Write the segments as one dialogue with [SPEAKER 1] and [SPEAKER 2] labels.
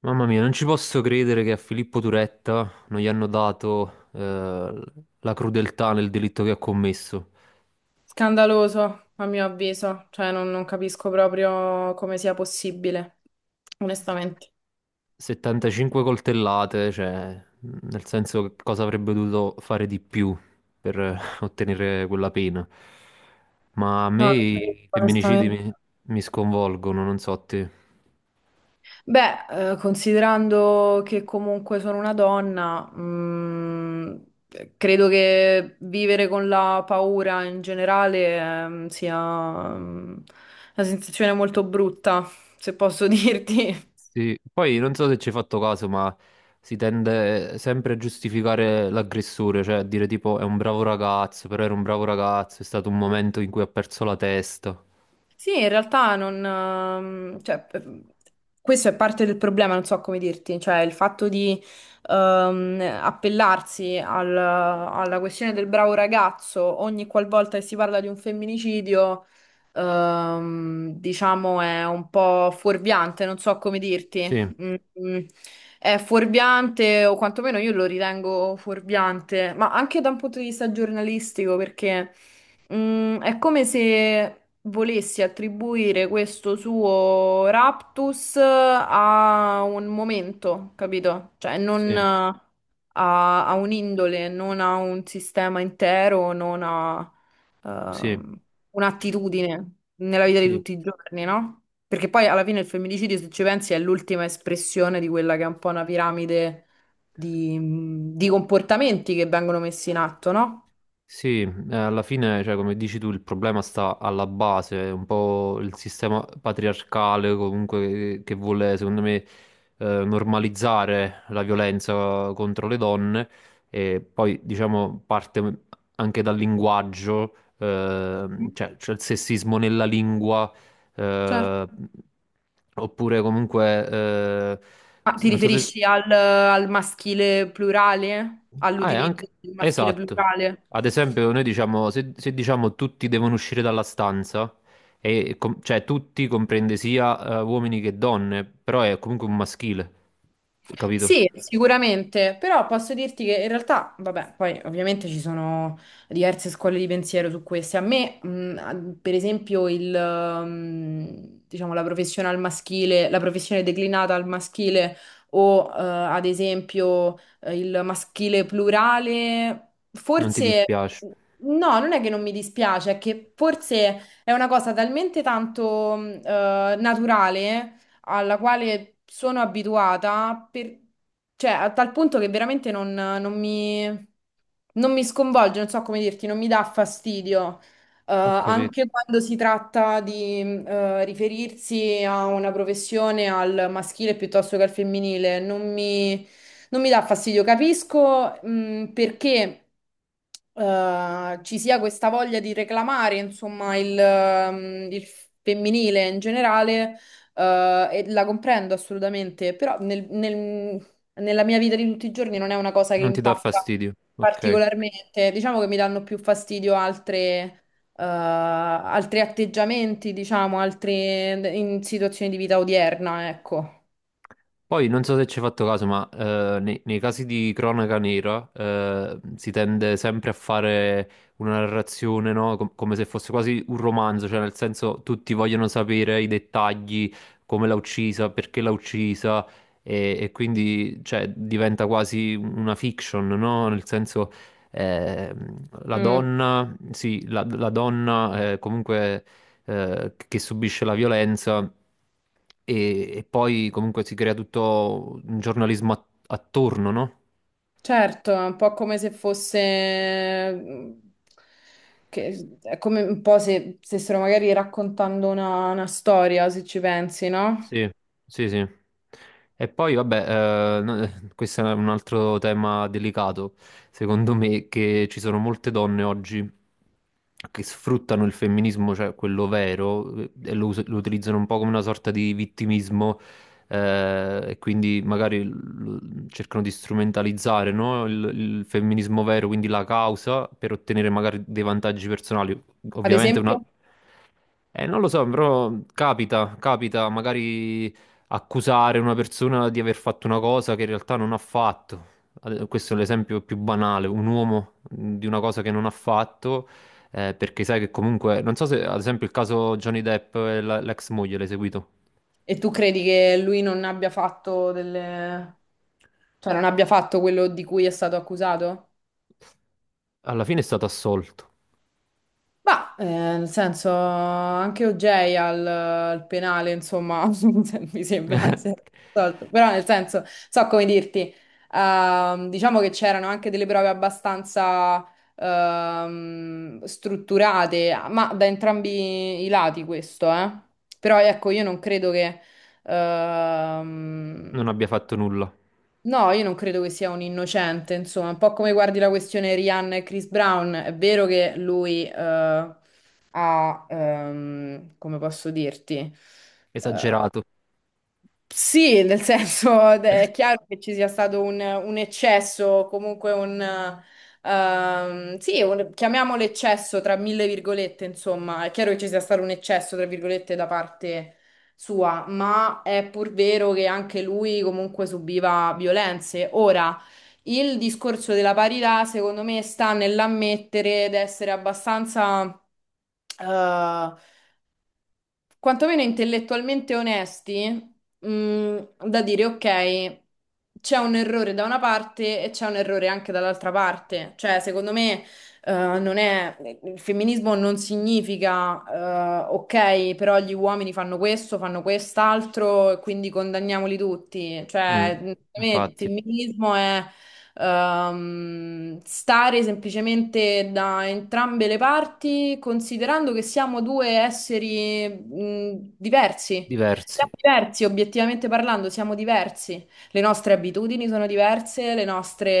[SPEAKER 1] Mamma mia, non ci posso credere che a Filippo Turetta non gli hanno dato la crudeltà nel delitto che ha commesso.
[SPEAKER 2] Scandaloso, a mio avviso, cioè non capisco proprio come sia possibile, onestamente.
[SPEAKER 1] 75 coltellate, cioè, nel senso che cosa avrebbe dovuto fare di più per ottenere quella pena. Ma a
[SPEAKER 2] No,
[SPEAKER 1] me
[SPEAKER 2] non
[SPEAKER 1] i
[SPEAKER 2] capisco,
[SPEAKER 1] femminicidi
[SPEAKER 2] onestamente.
[SPEAKER 1] mi sconvolgono, non so a te.
[SPEAKER 2] Beh, considerando che comunque sono una donna, credo che vivere con la paura in generale, sia, mm, una sensazione molto brutta, se posso dirti.
[SPEAKER 1] Sì, poi non so se ci hai fatto caso, ma si tende sempre a giustificare l'aggressore, cioè a dire tipo è un bravo ragazzo, però era un bravo ragazzo, è stato un momento in cui ha perso la testa.
[SPEAKER 2] Sì, in realtà non, cioè, questo è parte del problema, non so come dirti, cioè il fatto di appellarsi alla questione del bravo ragazzo ogni qualvolta che si parla di un femminicidio, diciamo, è un po' fuorviante, non so come dirti.
[SPEAKER 1] Sì,
[SPEAKER 2] Mm, mm. È fuorviante, o quantomeno io lo ritengo fuorviante, ma anche da un punto di vista giornalistico, perché è come se volessi attribuire questo suo raptus a un momento, capito? Cioè, non
[SPEAKER 1] sì,
[SPEAKER 2] eh, a un'indole, non a un sistema intero, non a
[SPEAKER 1] sì,
[SPEAKER 2] ehm, un'attitudine nella vita di
[SPEAKER 1] sì.
[SPEAKER 2] tutti i giorni, no? Perché poi alla fine il femminicidio, se ci pensi, è l'ultima espressione di quella che è un po' una piramide di, di comportamenti che vengono messi in atto, no?
[SPEAKER 1] Sì, alla fine, cioè, come dici tu, il problema sta alla base, è un po' il sistema patriarcale comunque che vuole, secondo me, normalizzare la violenza contro le donne e poi, diciamo, parte anche dal linguaggio, cioè c'è il sessismo nella lingua,
[SPEAKER 2] Certo.
[SPEAKER 1] eh, oppure comunque,
[SPEAKER 2] Ma ti
[SPEAKER 1] non so se...
[SPEAKER 2] riferisci al maschile plurale?
[SPEAKER 1] Ah, è anche...
[SPEAKER 2] All'utilizzo del maschile
[SPEAKER 1] Esatto.
[SPEAKER 2] plurale?
[SPEAKER 1] Ad esempio, noi diciamo, se diciamo tutti devono uscire dalla stanza, e cioè tutti comprende sia uomini che donne, però è comunque un maschile, capito?
[SPEAKER 2] Sì, sicuramente, però posso dirti che in realtà, vabbè, poi ovviamente ci sono diverse scuole di pensiero su queste. A me, a- per esempio, il diciamo, la professione al maschile, la professione declinata al maschile o, ad esempio, il maschile plurale,
[SPEAKER 1] Non ti
[SPEAKER 2] forse,
[SPEAKER 1] dispiace.
[SPEAKER 2] no, non è che non mi dispiace, è che forse è una cosa talmente tanto, naturale alla quale sono abituata, per- cioè a tal punto che veramente non mi sconvolge, non so come dirti, non mi dà fastidio.
[SPEAKER 1] Ho capito.
[SPEAKER 2] Anche quando si tratta di riferirsi a una professione al maschile piuttosto che al femminile, non mi, non mi dà fastidio. Capisco perché ci sia questa voglia di reclamare, insomma, il il femminile in generale, e la comprendo assolutamente, però nella mia vita di tutti i giorni non è una cosa che
[SPEAKER 1] Non ti dà
[SPEAKER 2] impatta
[SPEAKER 1] fastidio. Ok.
[SPEAKER 2] particolarmente. Diciamo che mi danno più fastidio altre, altri atteggiamenti, diciamo, altre in situazioni di vita odierna, ecco.
[SPEAKER 1] Poi non so se ci hai fatto caso, ma nei, nei casi di cronaca nera si tende sempre a fare una narrazione, no? Come se fosse quasi un romanzo, cioè nel senso tutti vogliono sapere i dettagli, come l'ha uccisa, perché l'ha uccisa e quindi cioè, diventa quasi una fiction, no? Nel senso la
[SPEAKER 2] Mm,
[SPEAKER 1] donna, sì, la, la donna comunque che subisce la violenza e poi comunque si crea tutto un giornalismo attorno, no?
[SPEAKER 2] certo, è un po' come se fosse... mm, che, è come un po' se stessero magari raccontando una storia, se ci pensi, no?
[SPEAKER 1] Sì, sì, sì. E poi, vabbè, questo è un altro tema delicato, secondo me, che ci sono molte donne oggi che sfruttano il femminismo, cioè quello vero, e lo, lo utilizzano un po' come una sorta di vittimismo, e quindi magari cercano di strumentalizzare, no, il femminismo vero, quindi la causa, per ottenere magari dei vantaggi personali.
[SPEAKER 2] Ad
[SPEAKER 1] Ovviamente una
[SPEAKER 2] esempio...
[SPEAKER 1] non lo so, però capita, capita magari accusare una persona di aver fatto una cosa che in realtà non ha fatto. Questo è l'esempio più banale, un uomo di una cosa che non ha fatto, perché sai che comunque, non so se ad esempio il caso Johnny Depp e l'ex moglie l'hai seguito,
[SPEAKER 2] E tu credi che lui non abbia fatto delle... cioè non abbia fatto quello di cui è stato accusato?
[SPEAKER 1] alla fine è stato assolto,
[SPEAKER 2] Ma, nel senso, anche OJ al penale, insomma, se- mi sembra si è risolto. Però nel senso, so come dirti, diciamo che c'erano anche delle prove abbastanza strutturate, ma da entrambi i lati questo, eh. Però ecco, io non credo che... Ehm,
[SPEAKER 1] non abbia fatto nulla,
[SPEAKER 2] no, io non credo che sia un innocente, insomma, un po' come guardi la questione Rihanna e Chris Brown, è vero che lui ha, come posso dirti, eh,
[SPEAKER 1] esagerato,
[SPEAKER 2] sì, nel senso è chiaro che ci sia stato un eccesso, comunque un... sì, un- chiamiamolo eccesso tra mille virgolette, insomma, è chiaro che ci sia stato un eccesso, tra virgolette, da parte sua, ma è pur vero che anche lui comunque subiva violenze. Ora, il discorso della parità, secondo me, sta nell'ammettere ed essere abbastanza... eh, quantomeno intellettualmente onesti, da dire ok, c'è un errore da una parte e c'è un errore anche dall'altra parte. Cioè, secondo me, eh, non è, il femminismo non significa, ok, però gli uomini fanno questo, fanno quest'altro e quindi condanniamoli tutti. Cioè,
[SPEAKER 1] mm,
[SPEAKER 2] secondo me il
[SPEAKER 1] infatti,
[SPEAKER 2] femminismo è stare semplicemente da entrambe le parti, considerando che siamo due esseri, diversi. Siamo
[SPEAKER 1] diversi.
[SPEAKER 2] diversi, obiettivamente parlando, siamo diversi. Le nostre abitudini sono diverse, le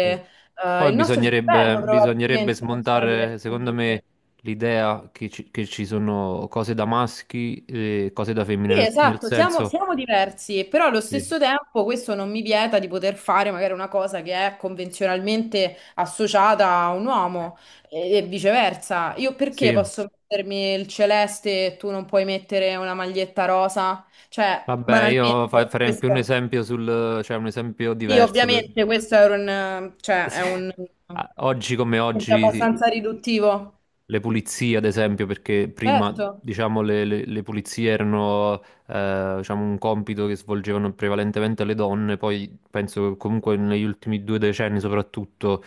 [SPEAKER 1] Sì. Poi
[SPEAKER 2] il nostro
[SPEAKER 1] bisognerebbe,
[SPEAKER 2] cervello
[SPEAKER 1] bisognerebbe
[SPEAKER 2] probabilmente funziona
[SPEAKER 1] smontare, secondo me,
[SPEAKER 2] diversamente.
[SPEAKER 1] l'idea che ci sono cose da maschi e cose da femmine,
[SPEAKER 2] Sì,
[SPEAKER 1] nel, nel
[SPEAKER 2] esatto, siamo,
[SPEAKER 1] senso,
[SPEAKER 2] siamo diversi, però allo
[SPEAKER 1] sì,
[SPEAKER 2] stesso tempo questo non mi vieta di poter fare magari una cosa che è convenzionalmente associata a un uomo e viceversa. Io perché
[SPEAKER 1] sì,
[SPEAKER 2] posso mettermi il celeste e tu non puoi mettere una maglietta rosa? Cioè,
[SPEAKER 1] vabbè, io
[SPEAKER 2] banalmente,
[SPEAKER 1] farei più un
[SPEAKER 2] questo,
[SPEAKER 1] esempio sul, cioè un esempio
[SPEAKER 2] sì,
[SPEAKER 1] diverso. De-
[SPEAKER 2] ovviamente questo è un, cioè, è
[SPEAKER 1] Sì.
[SPEAKER 2] un,
[SPEAKER 1] Ah, oggi come
[SPEAKER 2] è
[SPEAKER 1] oggi
[SPEAKER 2] abbastanza riduttivo.
[SPEAKER 1] le pulizie, ad esempio, perché prima,
[SPEAKER 2] Certo.
[SPEAKER 1] diciamo, le, le pulizie erano, diciamo, un compito che svolgevano prevalentemente le donne, poi penso che comunque negli ultimi due decenni soprattutto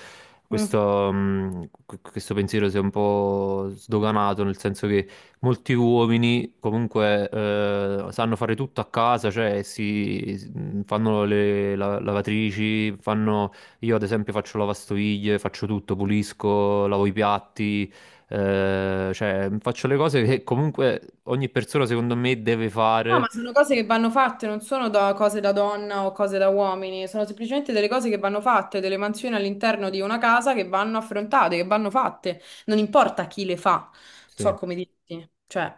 [SPEAKER 2] Mm.
[SPEAKER 1] questo, questo pensiero si è un po' sdoganato, nel senso che molti uomini comunque sanno fare tutto a casa, cioè fanno le lavatrici, fanno, io ad esempio faccio lavastoviglie, faccio tutto, pulisco, lavo i piatti, cioè faccio le cose che comunque ogni persona secondo me deve
[SPEAKER 2] No, ma
[SPEAKER 1] fare.
[SPEAKER 2] sono cose che vanno fatte, non sono da cose da donna o cose da uomini, sono semplicemente delle cose che vanno fatte, delle mansioni all'interno di una casa che vanno affrontate, che vanno fatte, non importa chi le fa, non
[SPEAKER 1] Sì.
[SPEAKER 2] so come dirti, cioè,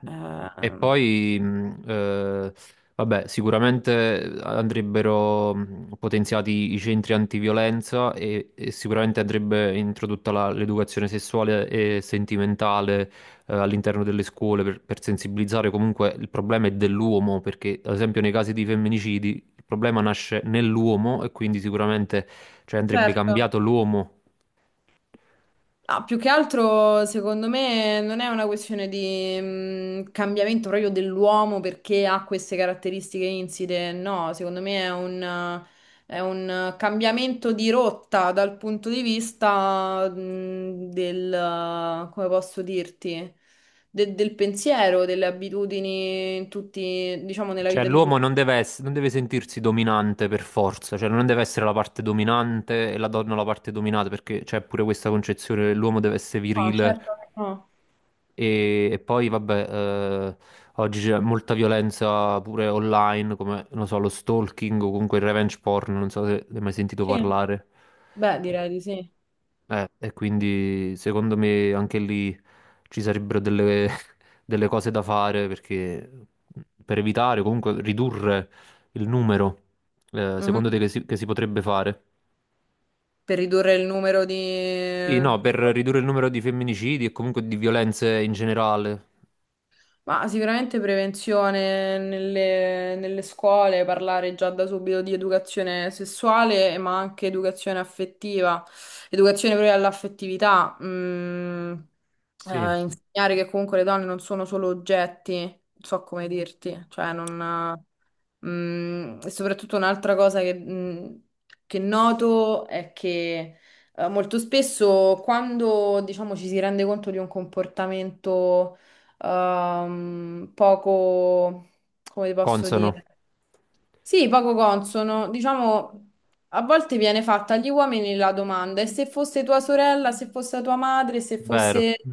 [SPEAKER 1] E poi, vabbè, sicuramente andrebbero potenziati i centri antiviolenza e sicuramente andrebbe introdotta l'educazione sessuale e sentimentale, all'interno delle scuole per sensibilizzare. Comunque il problema è dell'uomo, perché ad esempio nei casi di femminicidi il problema nasce nell'uomo e quindi sicuramente, cioè, andrebbe
[SPEAKER 2] certo.
[SPEAKER 1] cambiato l'uomo.
[SPEAKER 2] No, più che altro, secondo me, non è una questione di cambiamento proprio dell'uomo perché ha queste caratteristiche inside. No, secondo me è un cambiamento di rotta dal punto di vista del, come posso dirti, del pensiero, delle abitudini, in tutti, diciamo, nella
[SPEAKER 1] Cioè,
[SPEAKER 2] vita di
[SPEAKER 1] l'uomo
[SPEAKER 2] tutti.
[SPEAKER 1] non deve non deve sentirsi dominante per forza, cioè non deve essere la parte dominante e la donna la parte dominata, perché c'è pure questa concezione che l'uomo deve essere
[SPEAKER 2] No,
[SPEAKER 1] virile
[SPEAKER 2] certo che no.
[SPEAKER 1] e poi, vabbè, oggi c'è molta violenza pure online, come, non so, lo stalking o comunque il revenge porn, non so se ne hai mai sentito
[SPEAKER 2] Sì,
[SPEAKER 1] parlare.
[SPEAKER 2] beh, direi di sì.
[SPEAKER 1] E quindi secondo me anche lì ci sarebbero delle, delle cose da fare perché mhmm, per evitare, comunque ridurre il numero, secondo
[SPEAKER 2] Mhm.
[SPEAKER 1] te che si potrebbe fare?
[SPEAKER 2] Per ridurre il numero
[SPEAKER 1] Sì,
[SPEAKER 2] di...
[SPEAKER 1] no, per ridurre il numero di femminicidi e comunque di violenze in generale.
[SPEAKER 2] Ma sicuramente prevenzione nelle scuole, parlare già da subito di educazione sessuale, ma anche educazione affettiva, educazione proprio all'affettività, mm,
[SPEAKER 1] Sì,
[SPEAKER 2] insegnare che comunque le donne non sono solo oggetti, non so come dirti, cioè non... Mm, e soprattutto un'altra cosa che, mm, che noto è che molto spesso quando diciamo ci si rende conto di un comportamento poco, come ti posso
[SPEAKER 1] consono,
[SPEAKER 2] dire? Sì, poco consono, diciamo a volte viene fatta agli uomini la domanda: e se fosse tua sorella, se fosse tua madre, se mm.
[SPEAKER 1] vero.
[SPEAKER 2] Fosse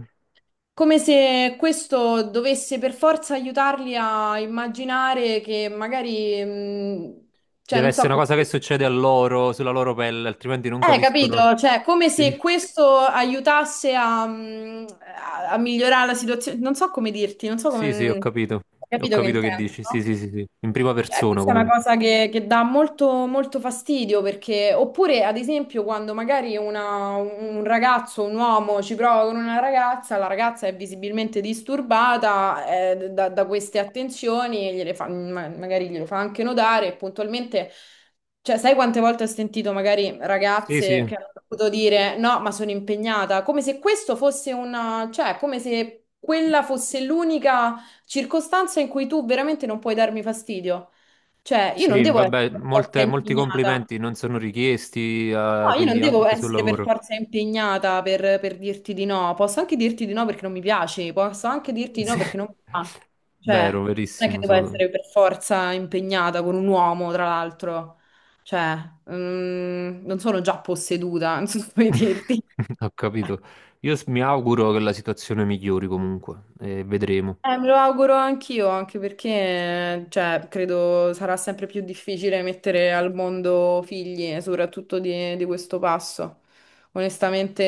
[SPEAKER 2] come se questo dovesse per forza aiutarli a immaginare che magari, cioè
[SPEAKER 1] Deve
[SPEAKER 2] non so
[SPEAKER 1] essere una
[SPEAKER 2] come...
[SPEAKER 1] cosa che succede a loro, sulla loro pelle, altrimenti non capiscono.
[SPEAKER 2] Capito? Cioè, come
[SPEAKER 1] Sì,
[SPEAKER 2] se questo aiutasse a, a- a migliorare la situazione. Non so come dirti, non so come...
[SPEAKER 1] sì, sì, ho capito.
[SPEAKER 2] Hai
[SPEAKER 1] Ho
[SPEAKER 2] capito che
[SPEAKER 1] capito che
[SPEAKER 2] intendo,
[SPEAKER 1] dici. Sì,
[SPEAKER 2] no?
[SPEAKER 1] sì, sì, sì. In prima
[SPEAKER 2] Cioè,
[SPEAKER 1] persona
[SPEAKER 2] questa è una
[SPEAKER 1] comunque.
[SPEAKER 2] cosa che dà molto, molto fastidio perché, oppure ad esempio, quando magari un ragazzo, un uomo ci prova con una ragazza, la ragazza è visibilmente disturbata da queste attenzioni e magari glielo fa anche notare e puntualmente, cioè, sai quante volte ho sentito magari
[SPEAKER 1] Sì,
[SPEAKER 2] ragazze
[SPEAKER 1] sì,
[SPEAKER 2] che hanno dovuto dire no, ma sono impegnata, come se questo fosse una, cioè, come se quella fosse l'unica circostanza in cui tu veramente non puoi darmi fastidio. Cioè, io non
[SPEAKER 1] sì,
[SPEAKER 2] devo essere
[SPEAKER 1] vabbè,
[SPEAKER 2] per forza
[SPEAKER 1] molti
[SPEAKER 2] impegnata.
[SPEAKER 1] complimenti non sono richiesti,
[SPEAKER 2] No, io non
[SPEAKER 1] quindi
[SPEAKER 2] devo
[SPEAKER 1] anche sul
[SPEAKER 2] essere per
[SPEAKER 1] lavoro.
[SPEAKER 2] forza impegnata per dirti di no. Posso anche dirti di no perché non mi piaci, posso anche dirti di no
[SPEAKER 1] Sì,
[SPEAKER 2] perché non mi fa. Cioè,
[SPEAKER 1] vero,
[SPEAKER 2] non è che
[SPEAKER 1] verissimo,
[SPEAKER 2] devo
[SPEAKER 1] sono-
[SPEAKER 2] essere per forza impegnata con un uomo, tra l'altro. Cioè, mm, non sono già posseduta, non so come dirti.
[SPEAKER 1] Ho capito. Io mi auguro che la situazione migliori comunque, e vedremo.
[SPEAKER 2] Me lo auguro anch'io, anche perché, cioè, credo sarà sempre più difficile mettere al mondo figli, soprattutto di questo passo. Onestamente,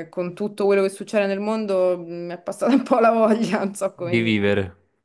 [SPEAKER 2] con tutto quello che succede nel mondo, mi è passata un po' la voglia, non so come
[SPEAKER 1] Di
[SPEAKER 2] dirti.
[SPEAKER 1] vivere.